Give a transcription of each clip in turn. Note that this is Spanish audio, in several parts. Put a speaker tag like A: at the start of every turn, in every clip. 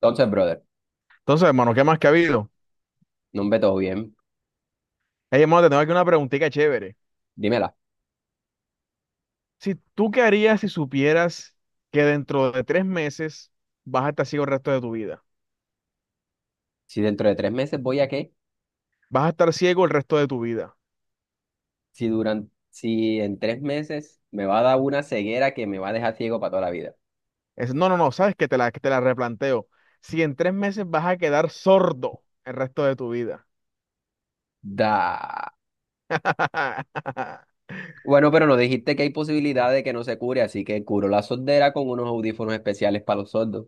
A: Entonces, brother,
B: Entonces, hermano, ¿qué más que ha habido?
A: ¿no nombre todo bien?
B: Hey, hermano, te tengo aquí una preguntita chévere.
A: Dímela,
B: Si tú qué harías si supieras que dentro de 3 meses vas a estar ciego el resto de tu vida.
A: si dentro de 3 meses voy a qué,
B: Vas a estar ciego el resto de tu vida.
A: si en 3 meses me va a dar una ceguera que me va a dejar ciego para toda la vida.
B: No, no, no, sabes que te la replanteo. Si en tres meses vas a quedar sordo el resto de tu vida.
A: Da. Bueno, pero nos dijiste que hay posibilidad de que no se cure, así que curo la sordera con unos audífonos especiales para los sordos.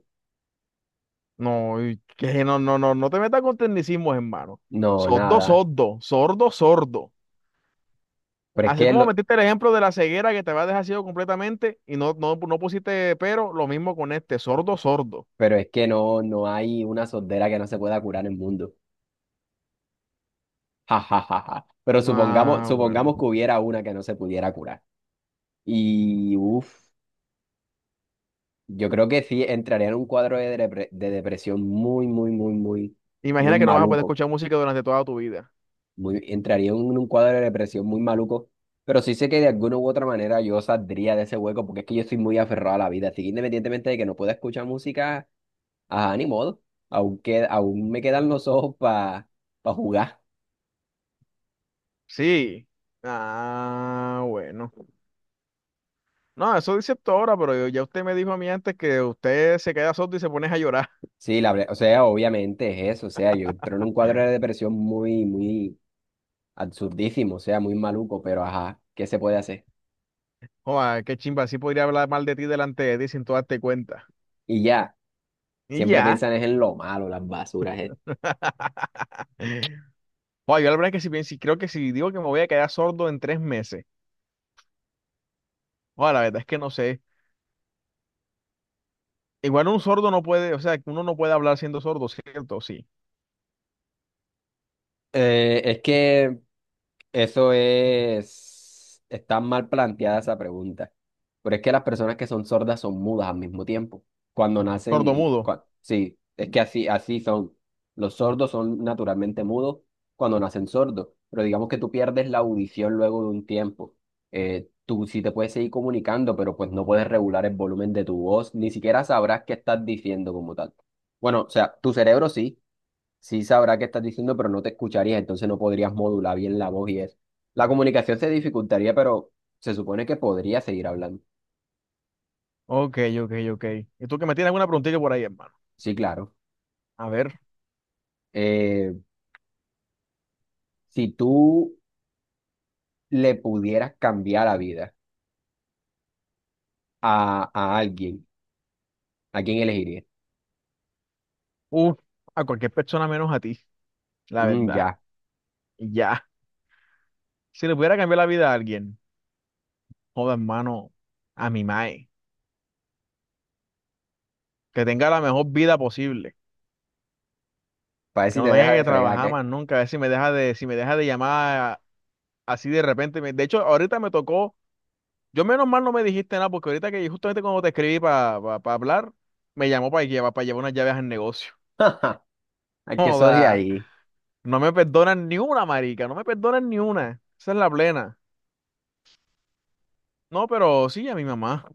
B: No, y que no, no, no, no te metas con tecnicismos, hermano.
A: No,
B: Sordo,
A: nada.
B: sordo, sordo, sordo.
A: Pero es
B: Así
A: que
B: como
A: lo-
B: metiste el ejemplo de la ceguera que te va a dejar ciego completamente y no, no, no pusiste pero, lo mismo con este, sordo, sordo.
A: pero es que no, no hay una sordera que no se pueda curar en el mundo. Ja, ja, ja, ja. Pero supongamos,
B: Ah, bueno.
A: que hubiera una que no se pudiera curar. Y uff. Yo creo que sí entraría en un cuadro de depresión, muy, muy, muy, muy, muy
B: Imagina que no vas a poder
A: maluco.
B: escuchar música durante toda tu vida.
A: Muy, entraría en un cuadro de depresión muy maluco. Pero sí sé que de alguna u otra manera yo saldría de ese hueco porque es que yo soy muy aferrado a la vida. Así que independientemente de que no pueda escuchar música, a ni modo. Aún me quedan los ojos para jugar.
B: Sí. Ah, bueno. No, eso dice esto ahora, pero ya usted me dijo a mí antes que usted se queda sordo y se pone a llorar.
A: Sí, o sea, obviamente es eso. O sea, yo entro en un cuadro de depresión muy, muy absurdísimo. O sea, muy maluco. Pero ajá, ¿qué se puede hacer?
B: Joder, qué chimba, así podría hablar mal de ti delante de ti sin tú darte cuenta.
A: Y ya.
B: Y
A: Siempre
B: ya.
A: piensan es en lo malo, las basuras.
B: Joder, yo la verdad es que si creo que si digo que me voy a quedar sordo en 3 meses. Joder, la verdad es que no sé. Igual un sordo no puede, o sea, que uno no puede hablar siendo sordo, ¿cierto? Sí.
A: Es que eso es... Está mal planteada esa pregunta. Pero es que las personas que son sordas son mudas al mismo tiempo. Cuando
B: Sordo
A: nacen...
B: mudo.
A: Sí, es que así son. Los sordos son naturalmente mudos cuando nacen sordos. Pero digamos que tú pierdes la audición luego de un tiempo. Tú sí te puedes seguir comunicando, pero pues no puedes regular el volumen de tu voz. Ni siquiera sabrás qué estás diciendo como tal. Bueno, o sea, tu cerebro sí sabrá qué estás diciendo, pero no te escucharía, entonces no podrías modular bien la voz y eso. La comunicación se dificultaría, pero se supone que podría seguir hablando.
B: Ok, ok, ok. ¿Y tú que me tienes alguna preguntita por ahí, hermano?
A: Sí, claro.
B: A ver.
A: Eh, si tú le pudieras cambiar la vida a alguien, ¿a quién elegirías?
B: Uf, a cualquier persona menos a ti, la
A: Mm,
B: verdad.
A: ya,
B: Y ya. Si le pudiera cambiar la vida a alguien, joda, hermano, a mi mae. Que tenga la mejor vida posible.
A: para ver
B: Que
A: si
B: no
A: te
B: tenga
A: deja de
B: que
A: fregar,
B: trabajar
A: ¿qué?
B: más nunca. A ver si me deja de llamar así de repente. De hecho, ahorita me tocó. Yo menos mal no me dijiste nada, porque ahorita que justamente cuando te escribí para hablar, me llamó para llevar unas llaves al negocio.
A: Al que sos de
B: Joda,
A: ahí,
B: no me perdonan ni una, marica, no me perdonan ni una. Esa es la plena. No, pero sí, a mi mamá,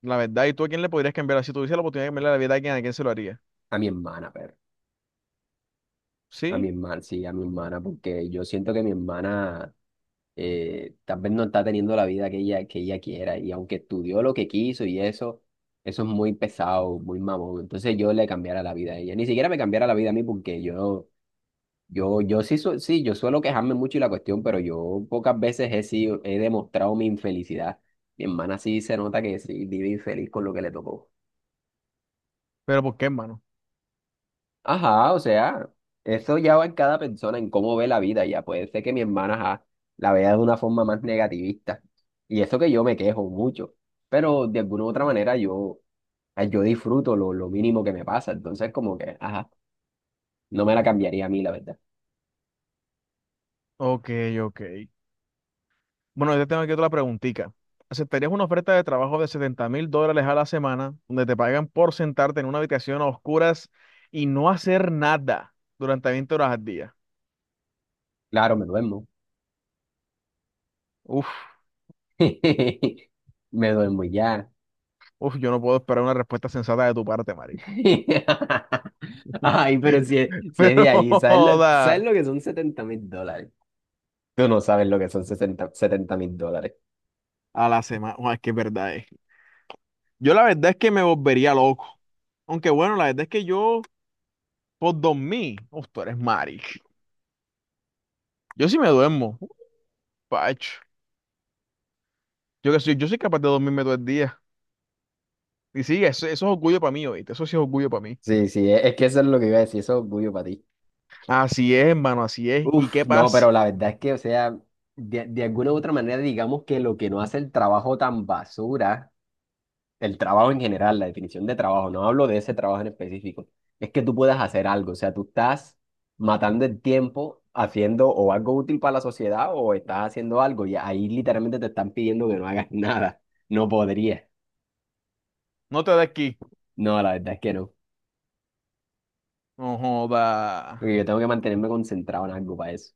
B: la verdad. ¿Y tú a quién le podrías cambiar? Si tuviese la oportunidad de cambiarle la vida ¿a quién se lo haría?
A: a mi hermana, pero. A mi
B: Sí,
A: hermana, sí, a mi hermana, porque yo siento que mi hermana tal vez no está teniendo la vida que ella quiera, y aunque estudió lo que quiso y eso es muy pesado, muy mamón. Entonces yo le cambiara la vida a ella, ni siquiera me cambiara la vida a mí porque yo sí, su- sí, yo suelo quejarme mucho y la cuestión, pero yo pocas veces he demostrado mi infelicidad. Mi hermana sí se nota que sí vive infeliz con lo que le tocó.
B: pero ¿por qué, hermano?
A: Ajá, o sea, eso ya va en cada persona, en cómo ve la vida, ya puede ser que mi hermana, ajá, la vea de una forma más negativista. Y eso que yo me quejo mucho, pero de alguna u otra manera yo, ay, yo disfruto lo mínimo que me pasa, entonces como que, ajá, no me la cambiaría a mí, la verdad.
B: Ok, ok. Bueno, yo te tengo aquí otra preguntita. ¿Aceptarías una oferta de trabajo de 70 mil dólares a la semana, donde te pagan por sentarte en una habitación a oscuras y no hacer nada durante 20 horas al día?
A: Claro, me duermo.
B: Uf,
A: Me duermo y ya.
B: uf, yo no puedo esperar una respuesta sensata de tu parte, marica.
A: Ay, pero si es de
B: Pero,
A: ahí, ¿sabes lo, sabes
B: joda.
A: lo que son 70.000 dólares? Tú no sabes lo que son 60, 70.000 dólares.
B: A la semana. Uah, es que es verdad es. Yo la verdad es que me volvería loco. Aunque bueno, la verdad es que yo, por dormir, uf, tú eres maric. Yo sí me duermo. Uf, Pacho. Yo soy capaz de dormirme todo el día. Y sí, eso es orgullo para mí, oíste. Eso sí es orgullo para mí.
A: Sí, sí, es que eso es lo que iba a decir, eso es orgullo para ti.
B: Así es, hermano, así es. ¿Y
A: Uf,
B: qué
A: no,
B: pasa?
A: pero la verdad es que, o sea, de alguna u otra manera, digamos que lo que no hace el trabajo tan basura, el trabajo en general, la definición de trabajo, no hablo de ese trabajo en específico, es que tú puedas hacer algo, o sea, tú estás matando el tiempo haciendo o algo útil para la sociedad o estás haciendo algo y ahí literalmente te están pidiendo que no hagas nada, no podría.
B: No te da aquí.
A: No, la verdad es que no,
B: No joda.
A: porque yo tengo que mantenerme concentrado en algo para eso.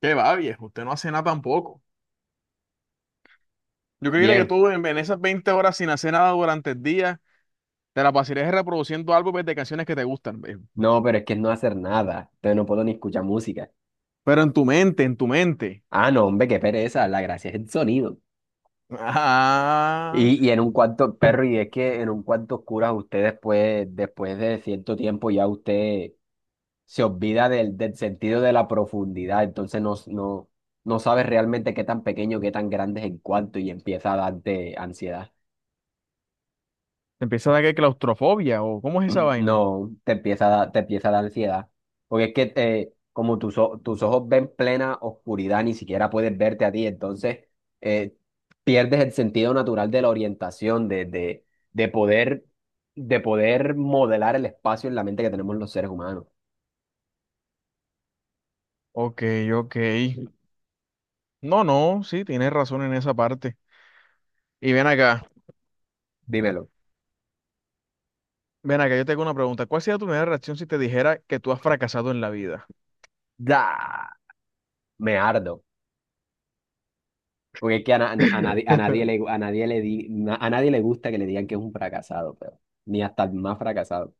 B: Qué va, viejo. Usted no hace nada tampoco. Yo que quiere que
A: Bien.
B: tú en esas 20 horas sin hacer nada durante el día, te la pasarías reproduciendo álbumes de canciones que te gustan, viejo.
A: No, pero es que es no hacer nada. Entonces no puedo ni escuchar música.
B: Pero en tu mente, en tu mente.
A: Ah, no, hombre, qué pereza. La gracia es el sonido.
B: Ah,
A: Y en un cuarto, perro, y es que en un cuarto oscuro usted después de cierto tiempo ya usted se olvida del sentido de la profundidad. Entonces no, no, no sabe realmente qué tan pequeño, qué tan grande es el cuarto y empieza a darte ansiedad.
B: te empieza a dar que claustrofobia o ¿cómo es esa vaina?
A: No, te empieza a dar ansiedad. Porque es que como tus ojos ven plena oscuridad, ni siquiera puedes verte a ti, entonces eh, pierdes el sentido natural de la orientación, de poder, de poder modelar el espacio en la mente que tenemos los seres humanos.
B: Ok, ok. No, no, sí, tienes razón en esa parte. Y
A: Dímelo.
B: ven acá, yo te hago una pregunta. ¿Cuál sería tu primera reacción si te dijera que tú has fracasado en la vida?
A: Da, me ardo. Porque es que a nadie le, a nadie le di- na- a nadie le gusta que le digan que es un fracasado, pero ni hasta el más fracasado.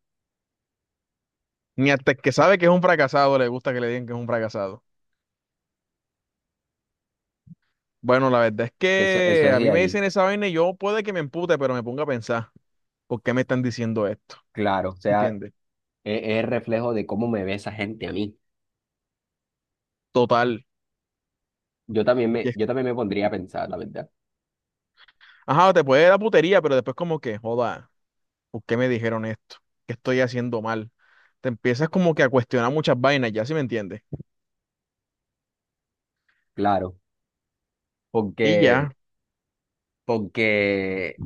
B: Ni hasta el que sabe que es un fracasado le gusta que le digan que es un fracasado. Bueno, la verdad es
A: Eso
B: que
A: es
B: a
A: de
B: mí me
A: ahí.
B: dicen esa vaina y yo puede que me empute, pero me ponga a pensar, ¿por qué me están diciendo esto?
A: Claro, o sea,
B: ¿Entiendes?
A: es reflejo de cómo me ve esa gente a mí.
B: Total.
A: Yo también
B: Y
A: me,
B: es-
A: yo también me pondría a pensar, la verdad.
B: Ajá, te puede dar putería, pero después como que, joda. ¿Por qué me dijeron esto? ¿Qué estoy haciendo mal? Te empiezas como que a cuestionar muchas vainas, ya si me entiendes.
A: Claro,
B: Y
A: porque,
B: ya,
A: porque,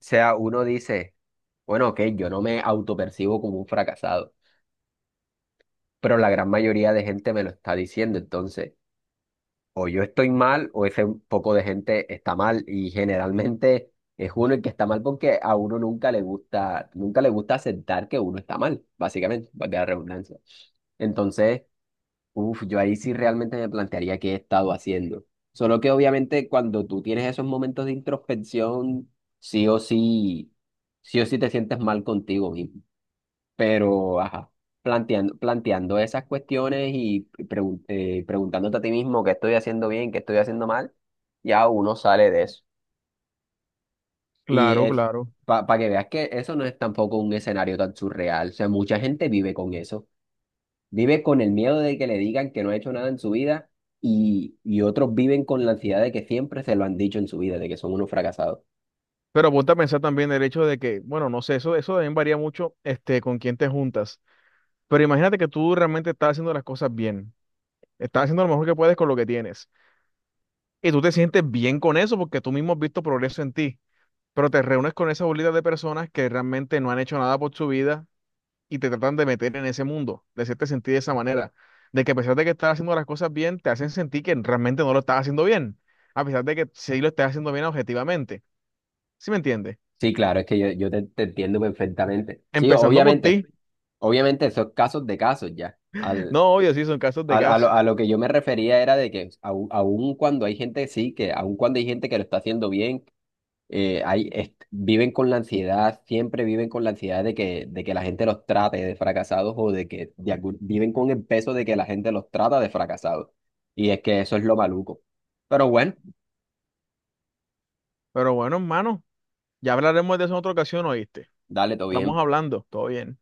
A: o sea, uno dice, bueno, ok, yo no me autopercibo como un fracasado, pero la gran mayoría de gente me lo está diciendo, entonces, o yo estoy mal o ese poco de gente está mal y generalmente es uno el que está mal porque a uno nunca le gusta, nunca le gusta aceptar que uno está mal, básicamente, valga la redundancia. Entonces... Uf, yo ahí sí realmente me plantearía qué he estado haciendo. Solo que obviamente cuando tú tienes esos momentos de introspección, sí o sí, sí o sí te sientes mal contigo mismo. Pero, ajá, planteando esas cuestiones y preguntándote a ti mismo qué estoy haciendo bien, qué estoy haciendo mal, ya uno sale de eso. Y
B: claro, claro.
A: para que veas que eso no es tampoco un escenario tan surreal. O sea, mucha gente vive con eso. Vive con el miedo de que le digan que no ha hecho nada en su vida y otros viven con la ansiedad de que siempre se lo han dicho en su vida, de que son unos fracasados.
B: Pero ponte a pensar también el hecho de que, bueno, no sé, eso también varía mucho este, con quién te juntas. Pero imagínate que tú realmente estás haciendo las cosas bien. Estás haciendo lo mejor que puedes con lo que tienes. Y tú te sientes bien con eso porque tú mismo has visto progreso en ti. Pero te reúnes con esa bolita de personas que realmente no han hecho nada por su vida y te tratan de meter en ese mundo, de hacerte sentir de esa manera, de que a pesar de que estás haciendo las cosas bien, te hacen sentir que realmente no lo estás haciendo bien, a pesar de que sí lo estás haciendo bien objetivamente. ¿Sí me entiendes?
A: Sí, claro, es que yo te entiendo perfectamente. Sí,
B: Empezando por
A: obviamente,
B: ti.
A: obviamente esos casos de casos ya. Al,
B: No, obvio, sí, son casos de
A: al- a, lo,
B: caso.
A: a lo que yo me refería era de que aun cuando hay gente, sí, que aun cuando hay gente que lo está haciendo bien viven con la ansiedad, siempre viven con la ansiedad de que la gente los trate de fracasados o de que de algún- viven con el peso de que la gente los trata de fracasados. Y es que eso es lo maluco. Pero bueno,
B: Pero bueno, hermano, ya hablaremos de eso en otra ocasión, ¿oíste?
A: dale, todo
B: Estamos
A: bien.
B: hablando, todo bien.